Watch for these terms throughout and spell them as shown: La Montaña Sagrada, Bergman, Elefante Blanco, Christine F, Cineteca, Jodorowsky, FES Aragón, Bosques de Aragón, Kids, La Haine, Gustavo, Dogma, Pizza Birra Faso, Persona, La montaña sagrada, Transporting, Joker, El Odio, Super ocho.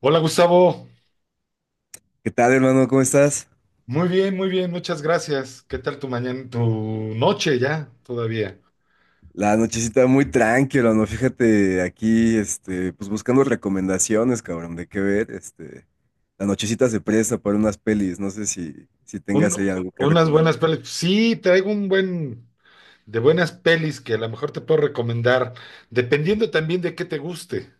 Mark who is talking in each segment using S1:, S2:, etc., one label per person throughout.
S1: Hola Gustavo,
S2: ¿Qué tal, hermano? ¿Cómo estás?
S1: muy bien, muchas gracias. ¿Qué tal tu mañana, tu noche ya todavía?
S2: La nochecita muy tranquila, ¿no? Fíjate, aquí, pues buscando recomendaciones, cabrón, de qué ver, este, la nochecita se presta para unas pelis, no sé si tengas
S1: Un-
S2: ahí algo que
S1: Unas
S2: recomendar.
S1: buenas pelis. Sí, traigo un buen de buenas pelis que a lo mejor te puedo recomendar, dependiendo también de qué te guste.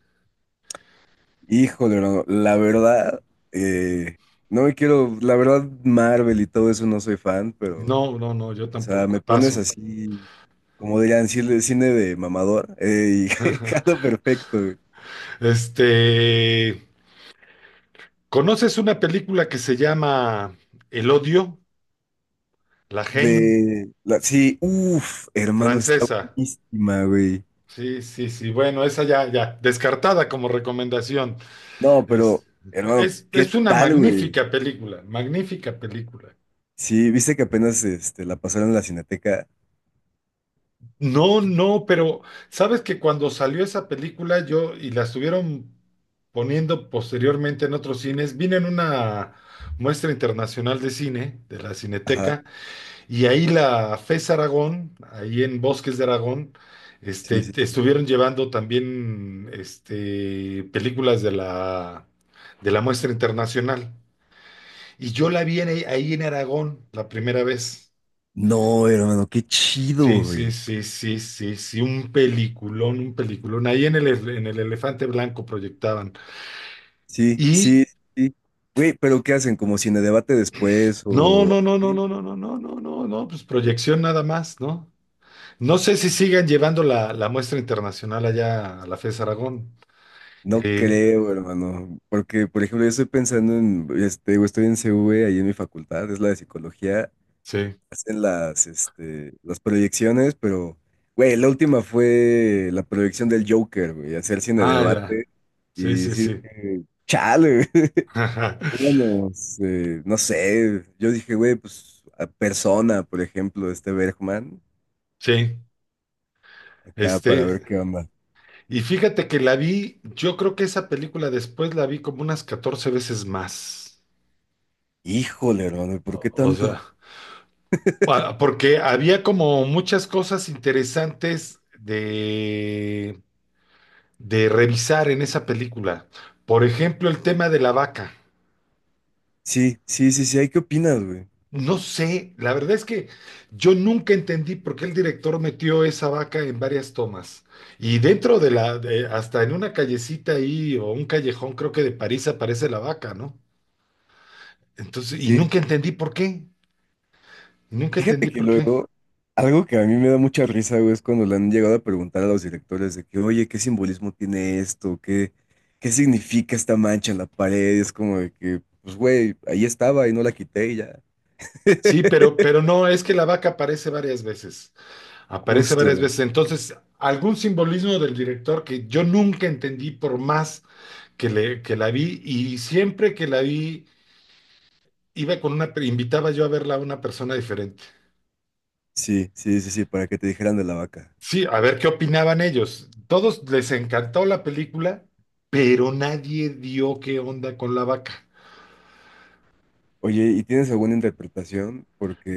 S2: Híjole, hermano, la verdad, eh, no me quiero, la verdad, Marvel y todo eso no soy fan, pero,
S1: No, no, no, yo
S2: o sea,
S1: tampoco,
S2: me pones
S1: paso.
S2: así, como dirían, cine de mamador, y jalo perfecto.
S1: Este, ¿conoces una película que se llama El Odio? La Haine,
S2: De la, sí, uff, hermano, está
S1: francesa.
S2: buenísima, güey.
S1: Sí, sí, sí, bueno, esa ya, ya, descartada como recomendación.
S2: No,
S1: Es,
S2: pero, hermano,
S1: es,
S2: ¿qué
S1: es una
S2: tal, güey?
S1: magnífica película, magnífica película.
S2: Sí, viste que apenas este, la pasaron en la Cineteca.
S1: No, no, pero sabes que cuando salió esa película yo y la estuvieron poniendo posteriormente en otros cines, vine en una muestra internacional de cine de la
S2: Ajá,
S1: Cineteca y ahí la FES Aragón, ahí en Bosques de Aragón,
S2: sí,
S1: este,
S2: sí, sí.
S1: estuvieron llevando también este, películas de la muestra internacional. Y yo la vi ahí en Aragón la primera vez.
S2: No, hermano, qué chido,
S1: Sí, sí,
S2: güey.
S1: sí, sí, sí, sí, un peliculón, un peliculón. Ahí en el, en el Elefante Blanco proyectaban.
S2: Sí,
S1: Y
S2: sí, sí. Güey, pero ¿qué hacen? ¿Como cine debate después
S1: no,
S2: o
S1: no, no, no,
S2: así?
S1: no, no, no, no, no, no, no, pues proyección nada más, ¿no? No sé si sigan llevando la muestra internacional allá a la FES Aragón.
S2: No
S1: Eh,
S2: creo, hermano. Porque, por ejemplo, yo estoy pensando en, este, güey, estoy en CV, ahí en mi facultad, es la de psicología.
S1: sí,
S2: Hacen las, este, las proyecciones, pero, güey, la última fue la proyección del Joker, güey, hacer cine
S1: ah, ya.
S2: debate.
S1: Sí,
S2: Y
S1: sí,
S2: sí,
S1: sí.
S2: chale, güey. Pónganos, no sé, yo dije, güey, pues a Persona, por ejemplo, este Bergman,
S1: Sí,
S2: acá para ver
S1: este.
S2: qué onda.
S1: Y fíjate que la vi, yo creo que esa película después la vi como unas 14 veces más.
S2: Híjole, hermano, ¿por qué
S1: O o
S2: tanto?
S1: sea, porque había como muchas cosas interesantes de revisar en esa película. Por ejemplo, el tema de la vaca.
S2: Sí, sí, sí, sí, ¿hay qué opinas, güey?
S1: No sé, la verdad es que yo nunca entendí por qué el director metió esa vaca en varias tomas. Y dentro de hasta en una callecita ahí o un callejón, creo que de París aparece la vaca, ¿no? Entonces, y
S2: Sí.
S1: nunca entendí por qué. Nunca
S2: Fíjate
S1: entendí
S2: que
S1: por qué.
S2: luego, algo que a mí me da mucha risa, güey, es cuando le han llegado a preguntar a los directores de que, oye, ¿qué simbolismo tiene esto? ¿Qué, qué significa esta mancha en la pared? Y es como de que, pues, güey, ahí estaba y no la quité y ya.
S1: Sí, pero no, es que la vaca aparece varias veces. Aparece varias
S2: Justo.
S1: veces. Entonces, algún simbolismo del director que yo nunca entendí por más que, que la vi y siempre que la vi, iba con una, invitaba yo a verla a una persona diferente.
S2: Sí, sí, sí, sí, para que te dijeran de la vaca.
S1: Sí, a ver qué opinaban ellos. Todos les encantó la película, pero nadie dio qué onda con la vaca.
S2: Oye, ¿y tienes alguna interpretación? Porque,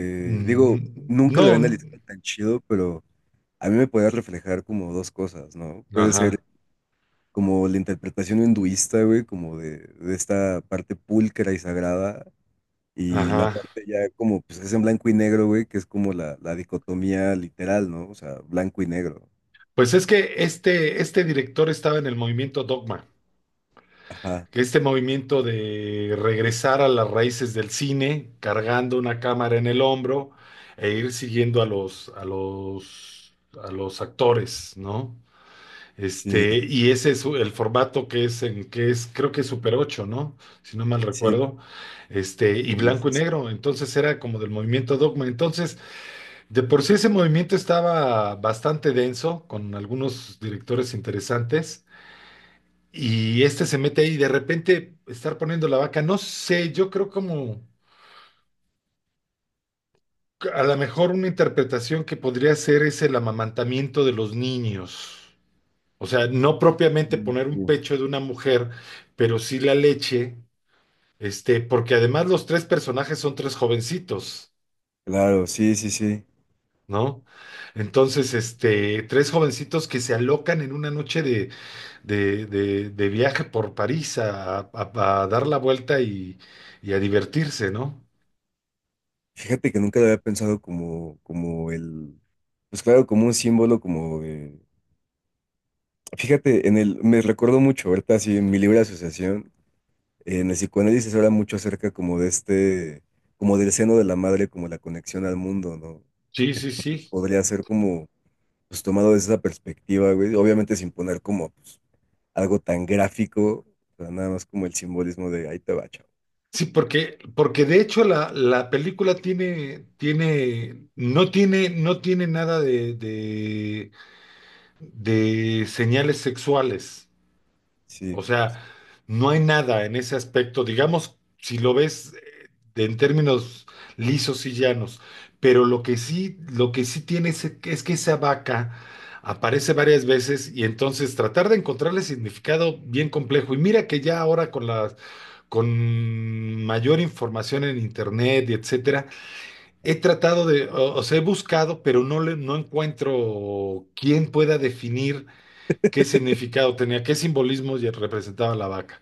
S2: digo,
S1: Mm,
S2: nunca la había
S1: no,
S2: analizado tan chido, pero a mí me puede reflejar como dos cosas, ¿no? Puede ser
S1: ajá,
S2: como la interpretación hinduista, güey, como de esta parte pulcra y sagrada, y la
S1: ajá.
S2: parte ya como, pues es en blanco y negro, güey, que es como la dicotomía literal, ¿no? O sea, blanco y negro.
S1: Pues es que este director estaba en el movimiento Dogma,
S2: Ajá,
S1: que este movimiento de regresar a las raíces del cine, cargando una cámara en el hombro e ir siguiendo a a los actores, ¿no?
S2: sí,
S1: Este, y ese es el formato que es en que es, creo que es Super ocho, ¿no? Si no mal
S2: sí,
S1: recuerdo. Este, y
S2: sí,
S1: blanco y
S2: sí, sí.
S1: negro. Entonces era como del movimiento Dogma. Entonces, de por sí ese movimiento estaba bastante denso, con algunos directores interesantes, y este se mete ahí y de repente estar poniendo la vaca, no sé, yo creo como que a lo mejor una interpretación que podría ser es el amamantamiento de los niños. O sea, no propiamente
S2: Sí,
S1: poner un
S2: sí.
S1: pecho de una mujer, pero sí la leche, este, porque además los tres personajes son tres jovencitos.
S2: Claro, sí, sí, sí.
S1: ¿No? Entonces, este, tres jovencitos que se alocan en una noche de viaje por París a dar la vuelta y a divertirse, ¿no?
S2: Fíjate que nunca lo había pensado como, como el, pues claro, como un símbolo, como de- Fíjate, en el, me recuerdo mucho, ahorita así en mi libre asociación, en el psicoanálisis se habla mucho acerca como de este, como del seno de la madre, como la conexión al mundo, ¿no?
S1: Sí, sí,
S2: Entonces
S1: sí.
S2: podría ser como, pues tomado desde esa perspectiva, güey, obviamente sin poner como pues, algo tan gráfico, pero nada más como el simbolismo de ahí te va, chavo.
S1: Sí, porque, porque de hecho la película tiene, tiene, no tiene nada de señales sexuales.
S2: Sí,
S1: O
S2: sí,
S1: sea, no hay nada en ese aspecto, digamos, si lo ves en términos lisos y llanos, pero lo que sí tiene es que esa vaca aparece varias veces y entonces tratar de encontrarle significado bien complejo. Y mira que ya ahora con mayor información en internet y etcétera, he tratado de, o sea, he buscado, pero no encuentro quién pueda definir qué significado tenía, qué simbolismos y representaba la vaca.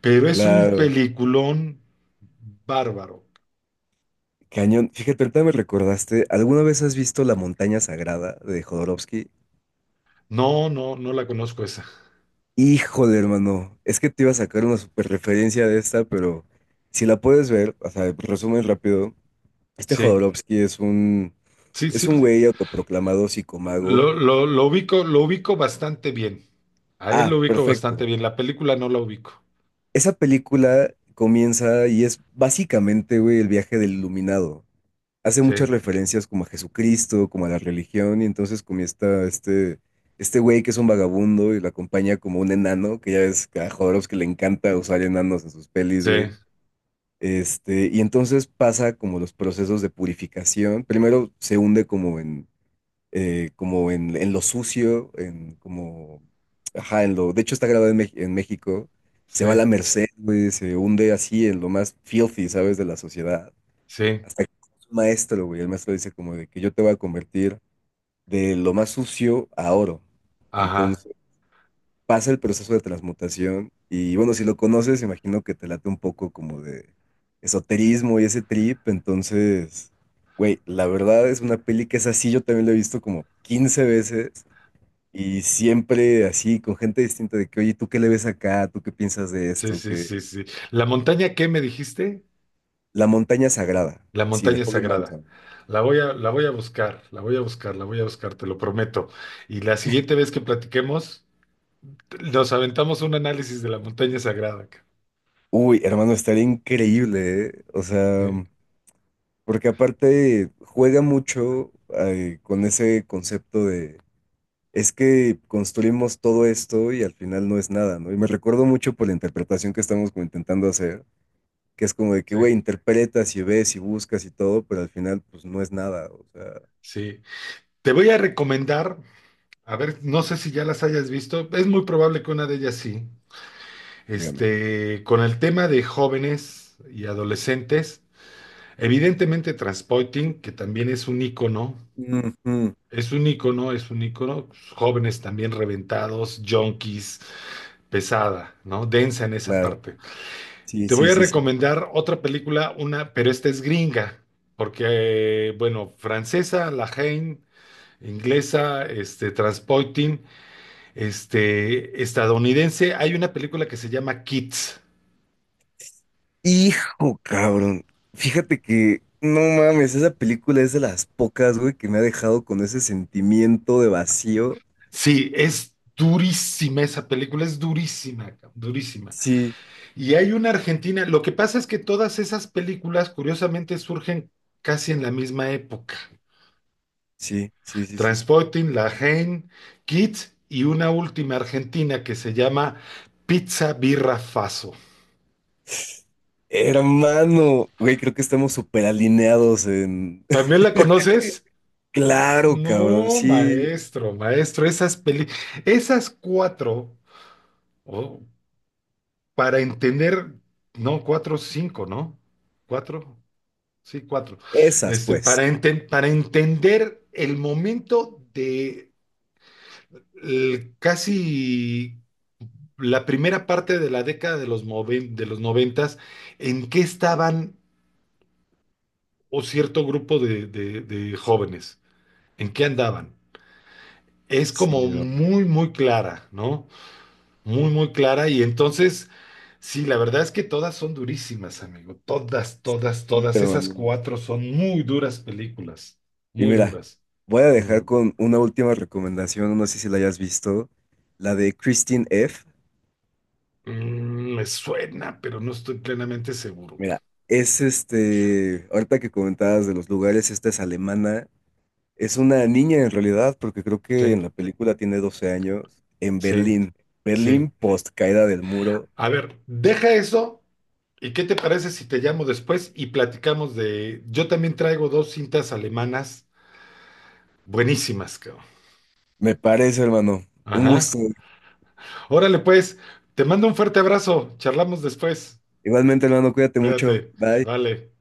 S1: Pero es un
S2: claro.
S1: peliculón bárbaro.
S2: Cañón. Fíjate, ahorita me recordaste, ¿alguna vez has visto La Montaña Sagrada de Jodorowsky?
S1: No, no, no la conozco esa.
S2: Híjole, hermano, es que te iba a sacar una super referencia de esta, pero si la puedes ver, o sea, resumen rápido, este
S1: Sí,
S2: Jodorowsky
S1: sí,
S2: es
S1: sí,
S2: un güey autoproclamado psicomago.
S1: lo ubico bastante bien. A él
S2: Ah,
S1: lo ubico bastante
S2: perfecto.
S1: bien. La película no la ubico.
S2: Esa película comienza y es básicamente, güey, el viaje del iluminado. Hace muchas
S1: Sí,
S2: referencias como a Jesucristo, como a la religión, y entonces comienza este, este güey que es un vagabundo y lo acompaña como un enano, que ya ves que a Jodorowsky le encanta usar enanos en sus pelis,
S1: sí,
S2: güey. Este, y entonces pasa como los procesos de purificación. Primero se hunde como en como en lo sucio, en como, ajá, en lo, de hecho está grabado en, en México, se
S1: sí,
S2: va a la merced, güey, se hunde así en lo más filthy, ¿sabes? De la sociedad.
S1: sí.
S2: Hasta que un maestro, güey, el maestro dice como de que yo te voy a convertir de lo más sucio a oro.
S1: Ajá.
S2: Entonces pasa el proceso de transmutación y bueno, si lo conoces, imagino que te late un poco como de esoterismo y ese trip, entonces... Güey, la verdad es una peli que es así, yo también la he visto como 15 veces y siempre así, con gente distinta de que, oye, ¿tú qué le ves acá? ¿Tú qué piensas de
S1: Sí,
S2: esto?
S1: sí,
S2: Que
S1: sí, sí. ¿La montaña qué me dijiste?
S2: la montaña sagrada,
S1: La
S2: así, de
S1: montaña
S2: Holy
S1: sagrada.
S2: Mountain.
S1: La voy a buscar, la voy a buscar, la voy a buscar, te lo prometo. Y la siguiente vez que platiquemos, nos aventamos un análisis de la montaña sagrada.
S2: Uy, hermano, estaría increíble, ¿eh? O sea,
S1: Sí,
S2: porque aparte juega mucho con ese concepto de, es que construimos todo esto y al final no es nada, ¿no? Y me recuerdo mucho por la interpretación que estamos como intentando hacer, que es como de que,
S1: sí,
S2: güey, interpretas y ves y buscas y todo, pero al final, pues no es nada, o sea,
S1: sí. Te voy a recomendar, a ver, no sé si ya las hayas visto, es muy probable que una de ellas sí.
S2: dígame.
S1: Este, con el tema de jóvenes y adolescentes, evidentemente Transporting, que también es un ícono,
S2: Ujú.
S1: es un ícono, jóvenes también reventados, junkies, pesada, ¿no? Densa en esa
S2: Claro.
S1: parte.
S2: Sí,
S1: Te
S2: sí,
S1: voy a
S2: sí, sí.
S1: recomendar otra película, una, pero esta es gringa, porque, bueno, francesa, La Haine, inglesa, este, Transporting, este, estadounidense. Hay una película que se llama Kids.
S2: Hijo, cabrón. Fíjate que, no mames, esa película es de las pocas, güey, que me ha dejado con ese sentimiento de vacío.
S1: Sí, es durísima esa película, es durísima, cabrón, durísima.
S2: Sí,
S1: Y hay una argentina, lo que pasa es que todas esas películas, curiosamente, surgen casi en la misma época.
S2: sí, sí, sí, sí.
S1: Transporting, La Haine, Kids y una última argentina que se llama Pizza Birra Faso.
S2: Hermano, güey, creo que estamos súper alineados en...
S1: ¿También la conoces?
S2: Claro, cabrón,
S1: No,
S2: sí,
S1: maestro, maestro, esas cuatro, oh, para entender, no, cuatro, cinco, ¿no? Cuatro, sí, cuatro.
S2: esas
S1: Este,
S2: pues.
S1: para entender el momento de el casi la primera parte de la década de de los noventas, ¿en qué estaban o cierto grupo de, de jóvenes? ¿En qué andaban? Es
S2: Sí,
S1: como
S2: hermano.
S1: muy, muy clara, ¿no? Muy, muy clara. Y entonces, sí, la verdad es que todas son durísimas, amigo. Todas, todas,
S2: Sí,
S1: todas. Esas
S2: hermano.
S1: cuatro son muy duras películas.
S2: Y
S1: Muy
S2: mira,
S1: duras.
S2: voy a dejar
S1: Ujú.
S2: con una última recomendación, no sé si la hayas visto, la de Christine F.
S1: Mm, me suena, pero no estoy plenamente seguro.
S2: Mira, es este, ahorita que comentabas de los lugares, esta es alemana, es una niña en realidad, porque creo
S1: Sí,
S2: que en la película tiene 12 años, en
S1: sí,
S2: Berlín,
S1: sí.
S2: Berlín post caída del muro,
S1: A ver, deja eso. ¿Y qué te parece si te llamo después y platicamos de... Yo también traigo dos cintas alemanas buenísimas, cabrón.
S2: me parece, hermano, un
S1: Ajá.
S2: gusto.
S1: Órale, pues, te mando un fuerte abrazo. Charlamos después.
S2: Igualmente, hermano, cuídate mucho,
S1: Cuídate.
S2: bye.
S1: Vale.